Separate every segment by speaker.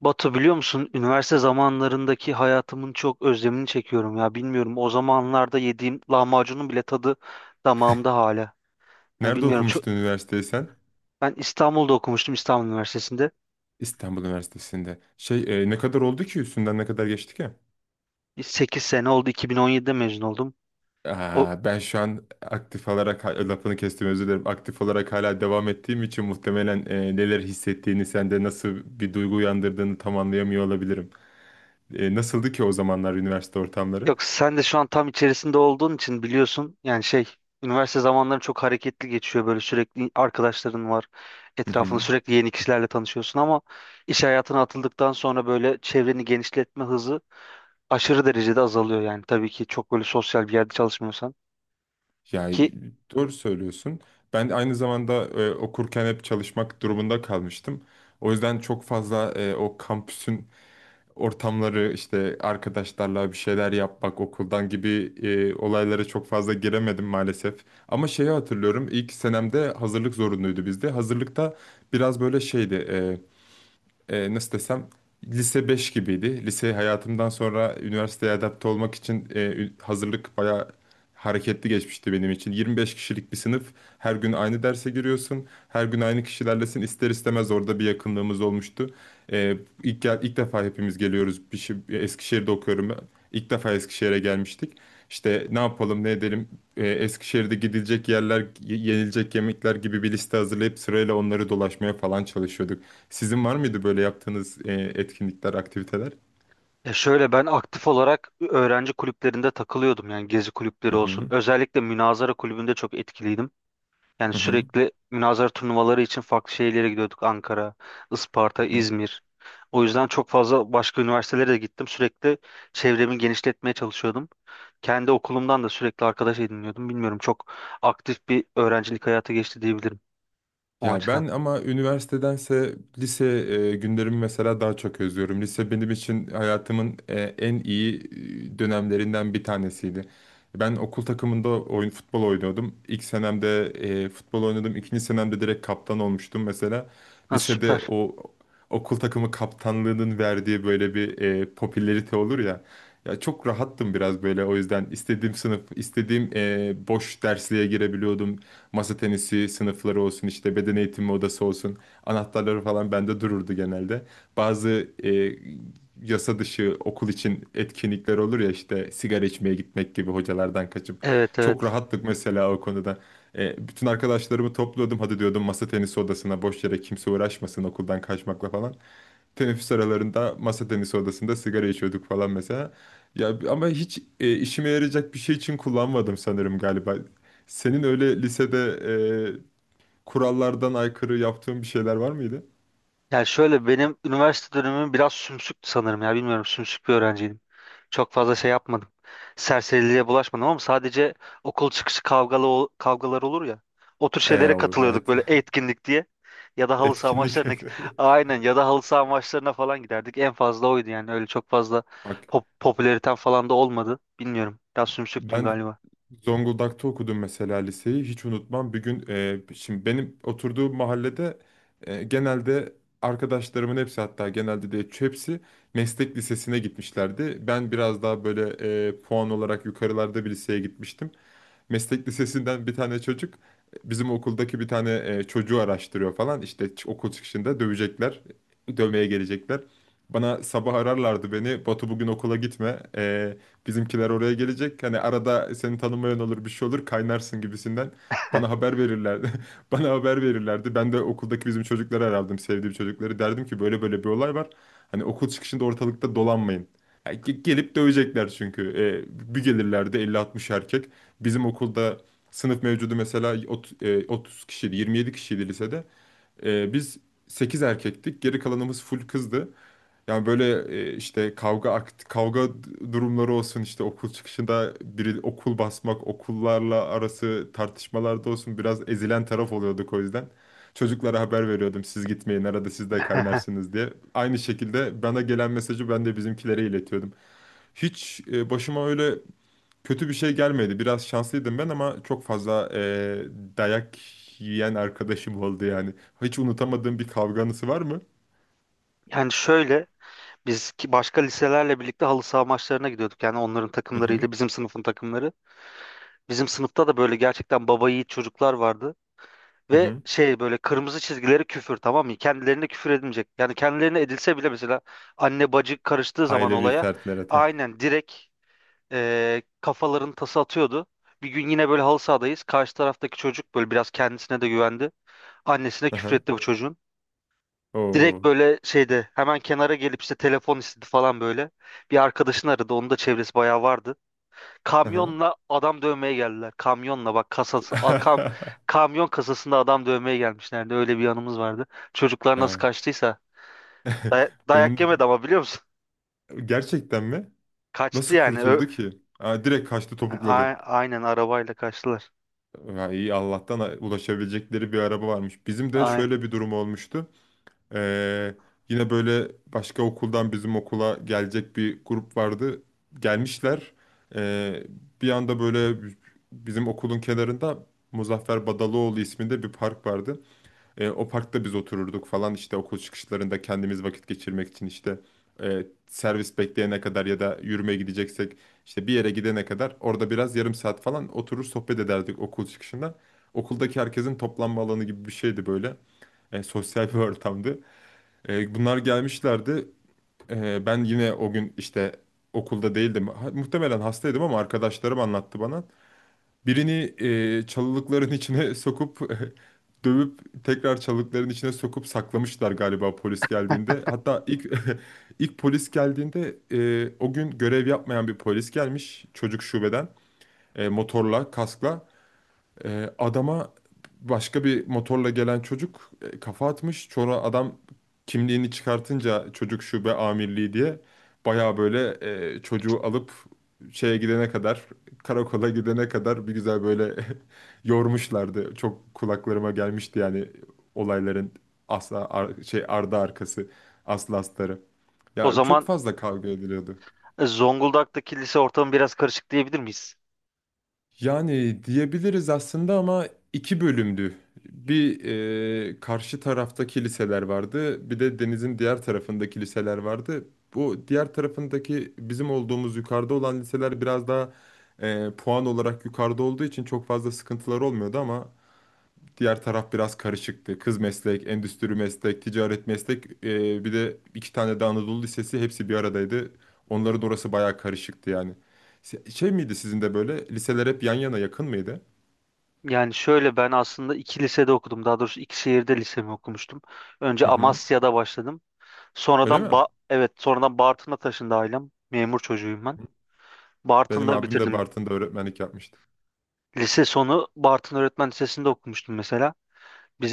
Speaker 1: Batu biliyor musun? Üniversite zamanlarındaki hayatımın çok özlemini çekiyorum ya. Bilmiyorum o zamanlarda yediğim lahmacunun bile tadı damağımda hala. Yani
Speaker 2: Nerede
Speaker 1: bilmiyorum çok.
Speaker 2: okumuştun üniversiteyi sen?
Speaker 1: Ben İstanbul'da okumuştum İstanbul Üniversitesi'nde.
Speaker 2: İstanbul Üniversitesi'nde. Ne kadar oldu ki üstünden ne kadar geçti ki?
Speaker 1: 8 sene oldu, 2017'de mezun oldum. O
Speaker 2: Aa, ben şu an aktif olarak lafını kestim, özür dilerim. Aktif olarak hala devam ettiğim için muhtemelen neler hissettiğini, sende nasıl bir duygu uyandırdığını tam anlayamıyor olabilirim. Nasıldı ki o zamanlar üniversite ortamları?
Speaker 1: Yok, sen de şu an tam içerisinde olduğun için biliyorsun. Yani üniversite zamanları çok hareketli geçiyor, böyle sürekli arkadaşların var.
Speaker 2: Hı
Speaker 1: Etrafında
Speaker 2: hı.
Speaker 1: sürekli yeni kişilerle tanışıyorsun ama iş hayatına atıldıktan sonra böyle çevreni genişletme hızı aşırı derecede azalıyor, yani tabii ki çok böyle sosyal bir yerde çalışmıyorsan
Speaker 2: Yani
Speaker 1: ki
Speaker 2: doğru söylüyorsun. Ben aynı zamanda okurken hep çalışmak durumunda kalmıştım. O yüzden çok fazla o kampüsün ortamları, işte arkadaşlarla bir şeyler yapmak okuldan gibi olaylara çok fazla giremedim maalesef. Ama şeyi hatırlıyorum, ilk senemde hazırlık zorunluydu bizde. Hazırlıkta biraz böyle şeydi, nasıl desem, lise 5 gibiydi. Lise hayatımdan sonra üniversiteye adapte olmak için hazırlık bayağı hareketli geçmişti benim için. 25 kişilik bir sınıf. Her gün aynı derse giriyorsun. Her gün aynı kişilerlesin. İster istemez orada bir yakınlığımız olmuştu. E, ilk defa hepimiz geliyoruz. Bir şey, Eskişehir'de okuyorum ben. İlk defa Eskişehir'e gelmiştik. İşte ne yapalım ne edelim, Eskişehir'de gidilecek yerler, yenilecek yemekler gibi bir liste hazırlayıp sırayla onları dolaşmaya falan çalışıyorduk. Sizin var mıydı böyle yaptığınız etkinlikler, aktiviteler?
Speaker 1: ya şöyle, ben aktif olarak öğrenci kulüplerinde takılıyordum, yani gezi kulüpleri
Speaker 2: Hı
Speaker 1: olsun,
Speaker 2: hı,
Speaker 1: özellikle münazara kulübünde çok etkiliydim, yani
Speaker 2: hı hı.
Speaker 1: sürekli münazara turnuvaları için farklı şehirlere gidiyorduk. Ankara, Isparta, İzmir, o yüzden çok fazla başka üniversitelere de gittim, sürekli çevremi genişletmeye çalışıyordum, kendi okulumdan da sürekli arkadaş ediniyordum. Bilmiyorum, çok aktif bir öğrencilik hayatı geçti diyebilirim o
Speaker 2: Ya
Speaker 1: açıdan.
Speaker 2: ben ama üniversitedense lise günlerimi mesela daha çok özlüyorum. Lise benim için hayatımın en iyi dönemlerinden bir tanesiydi. Ben okul takımında oyun futbol oynuyordum. İlk senemde futbol oynadım. İkinci senemde direkt kaptan olmuştum mesela.
Speaker 1: Ha,
Speaker 2: Lisede
Speaker 1: süper.
Speaker 2: o okul takımı kaptanlığının verdiği böyle bir popülerite olur ya. Ya çok rahattım, biraz böyle, o yüzden istediğim sınıf, istediğim boş dersliğe girebiliyordum. Masa tenisi sınıfları olsun, işte beden eğitimi odası olsun. Anahtarları falan bende dururdu genelde. Bazı yasa dışı okul için etkinlikler olur ya, işte sigara içmeye gitmek gibi hocalardan kaçıp.
Speaker 1: Evet,
Speaker 2: Çok
Speaker 1: evet.
Speaker 2: rahattık mesela o konuda. Bütün arkadaşlarımı topluyordum. Hadi diyordum masa tenisi odasına, boş yere kimse uğraşmasın okuldan kaçmakla falan. Teneffüs aralarında masa tenisi odasında sigara içiyorduk falan mesela. Ya ama hiç işime yarayacak bir şey için kullanmadım sanırım galiba. Senin öyle lisede e, kurallardan aykırı yaptığın bir şeyler var mıydı?
Speaker 1: Yani şöyle, benim üniversite dönemim biraz sümsüktü sanırım ya, bilmiyorum, sümsük bir öğrenciydim. Çok fazla şey yapmadım. Serseriliğe bulaşmadım ama sadece okul çıkışı kavgalar olur ya. O tür şeylere
Speaker 2: Evet.
Speaker 1: katılıyorduk böyle, etkinlik diye. Ya da halı saha
Speaker 2: Etkinlik.
Speaker 1: maçlarına aynen, ya da halı saha maçlarına falan giderdik. En fazla oydu, yani öyle çok fazla
Speaker 2: Bak,
Speaker 1: popülaritem falan da olmadı. Bilmiyorum, biraz sümsüktüm
Speaker 2: ben
Speaker 1: galiba.
Speaker 2: Zonguldak'ta okudum mesela liseyi. Hiç unutmam. Bir gün, şimdi benim oturduğum mahallede genelde arkadaşlarımın hepsi, hatta genelde de hepsi meslek lisesine gitmişlerdi. Ben biraz daha böyle puan olarak yukarılarda bir liseye gitmiştim, meslek lisesinden bir tane çocuk bizim okuldaki bir tane çocuğu araştırıyor falan. İşte okul çıkışında dövecekler, dövmeye gelecekler. Bana sabah ararlardı beni. Batu, bugün okula gitme. Bizimkiler oraya gelecek. Hani arada seni tanımayan olur, bir şey olur, kaynarsın gibisinden. Bana haber verirlerdi. Bana haber verirlerdi. Ben de okuldaki bizim çocukları arardım, sevdiğim çocukları. Derdim ki böyle böyle bir olay var. Hani okul çıkışında ortalıkta dolanmayın. Yani gelip dövecekler çünkü. Bir gelirlerdi elli 60 erkek. Bizim okulda sınıf mevcudu mesela 30 kişiydi, 27 kişiydi lisede. Biz 8 erkektik, geri kalanımız full kızdı. Yani böyle işte kavga durumları olsun, işte okul çıkışında biri okul basmak, okullarla arası tartışmalarda olsun biraz ezilen taraf oluyorduk o yüzden. Çocuklara haber veriyordum, siz gitmeyin, arada siz de kaynarsınız diye. Aynı şekilde bana gelen mesajı ben de bizimkilere iletiyordum. Hiç başıma öyle kötü bir şey gelmedi. Biraz şanslıydım ben, ama çok fazla dayak yiyen arkadaşım oldu yani. Hiç unutamadığım bir kavganızı var mı?
Speaker 1: Yani şöyle, biz ki başka liselerle birlikte halı saha maçlarına gidiyorduk. Yani onların
Speaker 2: Hı hı.
Speaker 1: takımlarıyla bizim sınıfın takımları. Bizim sınıfta da böyle gerçekten baba yiğit çocuklar vardı.
Speaker 2: Hı
Speaker 1: Ve
Speaker 2: hı.
Speaker 1: böyle kırmızı çizgileri küfür, tamam mı? Kendilerine küfür edilmeyecek. Yani kendilerine edilse bile, mesela anne bacı karıştığı zaman
Speaker 2: Ailevi
Speaker 1: olaya
Speaker 2: fertlere de.
Speaker 1: aynen direkt kafaların tası atıyordu. Bir gün yine böyle halı sahadayız. Karşı taraftaki çocuk böyle biraz kendisine de güvendi. Annesine
Speaker 2: Hı hı.
Speaker 1: küfretti bu çocuğun. Direkt
Speaker 2: Oo.
Speaker 1: böyle şeyde hemen kenara gelip işte telefon istedi falan böyle. Bir arkadaşını aradı. Onun da çevresi bayağı vardı.
Speaker 2: Hı hı.
Speaker 1: Kamyonla adam dövmeye geldiler. Kamyonla bak, kasası kamyon kasasında adam dövmeye gelmişlerdi. Öyle bir yanımız vardı. Çocuklar nasıl
Speaker 2: Ya,
Speaker 1: kaçtıysa
Speaker 2: Benim
Speaker 1: dayak
Speaker 2: de-
Speaker 1: yemedi ama biliyor musun?
Speaker 2: gerçekten mi?
Speaker 1: Kaçtı
Speaker 2: Nasıl
Speaker 1: yani.
Speaker 2: kurtuldu ki? Aa, direkt kaçtı, topukladı.
Speaker 1: Aynen, arabayla kaçtılar.
Speaker 2: Ya iyi, Allah'tan ulaşabilecekleri bir araba varmış. Bizim de
Speaker 1: Ay.
Speaker 2: şöyle bir durum olmuştu. Ee, Yine böyle başka okuldan bizim okula gelecek bir grup vardı. Gelmişler. Ee, Bir anda böyle bizim okulun kenarında Muzaffer Badaloğlu isminde bir park vardı. O parkta biz otururduk falan, işte okul çıkışlarında kendimiz vakit geçirmek için, işte servis bekleyene kadar ya da yürümeye gideceksek işte bir yere gidene kadar orada biraz yarım saat falan oturur sohbet ederdik okul çıkışında. Okuldaki herkesin toplanma alanı gibi bir şeydi böyle. Sosyal bir ortamdı. Bunlar gelmişlerdi. Ben yine o gün işte okulda değildim. Muhtemelen hastaydım ama arkadaşlarım anlattı bana. Birini çalılıkların içine sokup dövüp tekrar çalılıkların içine sokup saklamışlar, galiba polis geldiğinde. Hatta ilk ilk polis geldiğinde o gün görev yapmayan bir polis gelmiş çocuk şubeden, motorla, kaskla. Adama başka bir motorla gelen çocuk kafa atmış. Sonra adam kimliğini çıkartınca çocuk şube amirliği diye baya böyle çocuğu alıp şeye gidene kadar karakola gidene kadar bir güzel böyle yormuşlardı. Çok kulaklarıma gelmişti yani olayların asla ar- şey ardı arkası, aslı astarı.
Speaker 1: O
Speaker 2: Ya çok
Speaker 1: zaman
Speaker 2: fazla kavga ediliyordu.
Speaker 1: Zonguldak'taki lise ortamı biraz karışık diyebilir miyiz?
Speaker 2: Yani diyebiliriz aslında, ama iki bölümdü. Bir, karşı tarafta kiliseler vardı, bir de denizin diğer tarafında kiliseler vardı. Bu diğer tarafındaki bizim olduğumuz yukarıda olan liseler biraz daha puan olarak yukarıda olduğu için çok fazla sıkıntılar olmuyordu, ama diğer taraf biraz karışıktı. Kız meslek, endüstri meslek, ticaret meslek, bir de iki tane de Anadolu Lisesi, hepsi bir aradaydı. Onların orası bayağı karışıktı yani. Şey miydi, sizin de böyle liseler hep yan yana, yakın mıydı?
Speaker 1: Yani şöyle, ben aslında iki lisede okudum. Daha doğrusu iki şehirde lisemi okumuştum. Önce
Speaker 2: Hı hı.
Speaker 1: Amasya'da başladım.
Speaker 2: Öyle mi?
Speaker 1: Sonradan
Speaker 2: Hı.
Speaker 1: evet, sonradan Bartın'a taşındı ailem. Memur çocuğuyum ben.
Speaker 2: Benim
Speaker 1: Bartın'da
Speaker 2: abim de
Speaker 1: bitirdim.
Speaker 2: Bartın'da öğretmenlik yapmıştı.
Speaker 1: Lise sonu Bartın Öğretmen Lisesi'nde okumuştum mesela.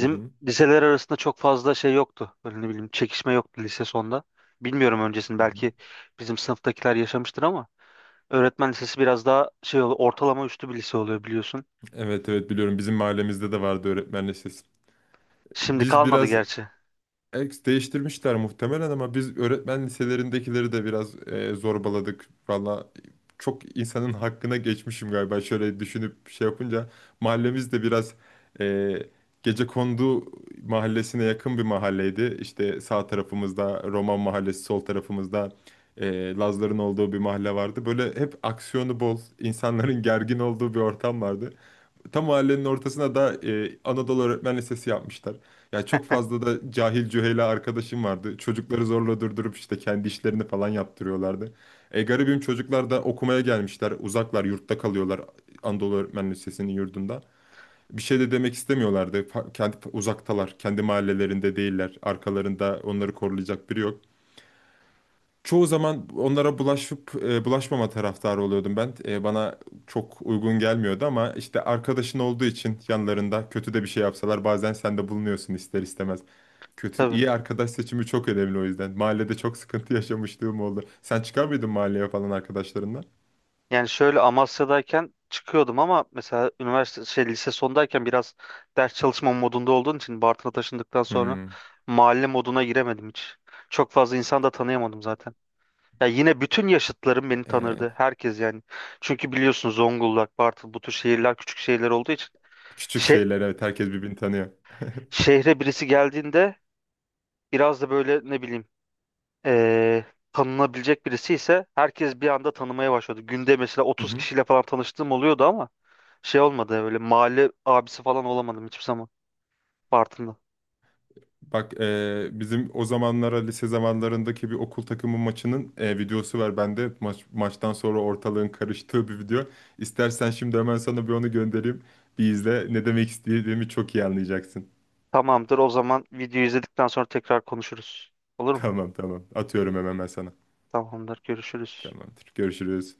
Speaker 2: Hı hı.
Speaker 1: liseler arasında çok fazla şey yoktu. Böyle ne bileyim, çekişme yoktu lise sonunda. Bilmiyorum öncesini,
Speaker 2: Hı hı.
Speaker 1: belki bizim sınıftakiler yaşamıştır ama öğretmen lisesi biraz daha şey oluyor, ortalama üstü bir lise oluyor biliyorsun.
Speaker 2: Evet, evet biliyorum, bizim mahallemizde de vardı öğretmen lisesi.
Speaker 1: Şimdi
Speaker 2: Biz
Speaker 1: kalmadı
Speaker 2: biraz
Speaker 1: gerçi.
Speaker 2: Ex değiştirmişler muhtemelen, ama biz öğretmen liselerindekileri de biraz zorbaladık. Valla çok insanın hakkına geçmişim galiba şöyle düşünüp şey yapınca. Mahallemiz de biraz e, gecekondu mahallesine yakın bir mahalleydi. İşte sağ tarafımızda Roman mahallesi, sol tarafımızda Lazların olduğu bir mahalle vardı. Böyle hep aksiyonu bol, insanların gergin olduğu bir ortam vardı. Tam mahallenin ortasına da Anadolu Öğretmen Lisesi yapmışlar. Ya çok fazla da cahil cühela arkadaşım vardı. Çocukları zorla durdurup işte kendi işlerini falan yaptırıyorlardı. Garibim çocuklar da okumaya gelmişler. Uzaklar, yurtta kalıyorlar Anadolu Öğretmen Lisesi'nin yurdunda. Bir şey de demek istemiyorlardı. Kendi uzaktalar, kendi mahallelerinde değiller. Arkalarında onları koruyacak biri yok. Çoğu zaman onlara bulaşıp bulaşmama taraftarı oluyordum ben. Bana çok uygun gelmiyordu, ama işte arkadaşın olduğu için yanlarında kötü de bir şey yapsalar bazen sen de bulunuyorsun ister istemez. Kötü
Speaker 1: Tabii.
Speaker 2: iyi arkadaş seçimi çok önemli o yüzden. Mahallede çok sıkıntı yaşamışlığım oldu. Sen çıkar mıydın mahalleye falan arkadaşlarından?
Speaker 1: Yani şöyle, Amasya'dayken çıkıyordum ama mesela üniversite şey lise sondayken biraz ders çalışma modunda olduğun için Bartın'a taşındıktan sonra
Speaker 2: Hmm.
Speaker 1: mahalle moduna giremedim hiç. Çok fazla insan da tanıyamadım zaten. Ya yine bütün yaşıtlarım beni
Speaker 2: E,
Speaker 1: tanırdı. Herkes yani. Çünkü biliyorsun Zonguldak, Bartın bu tür şehirler küçük şehirler olduğu için
Speaker 2: Küçük
Speaker 1: şe
Speaker 2: şeyler, evet, herkes birbirini tanıyor.
Speaker 1: şehre birisi geldiğinde biraz da böyle ne bileyim, eee, tanınabilecek birisi ise herkes bir anda tanımaya başladı. Günde mesela 30 kişiyle falan tanıştığım oluyordu ama şey olmadı, öyle mahalle abisi falan olamadım hiçbir zaman Bartın'da.
Speaker 2: Bak, bizim o zamanlara, lise zamanlarındaki bir okul takımı maçının videosu var bende. Maç, maçtan sonra ortalığın karıştığı bir video. İstersen şimdi hemen sana bir onu göndereyim. Bir izle. Ne demek istediğimi çok iyi anlayacaksın.
Speaker 1: Tamamdır, o zaman videoyu izledikten sonra tekrar konuşuruz. Olur mu?
Speaker 2: Tamam, tamam. Atıyorum hemen ben sana.
Speaker 1: Tamamdır, görüşürüz.
Speaker 2: Tamamdır. Görüşürüz.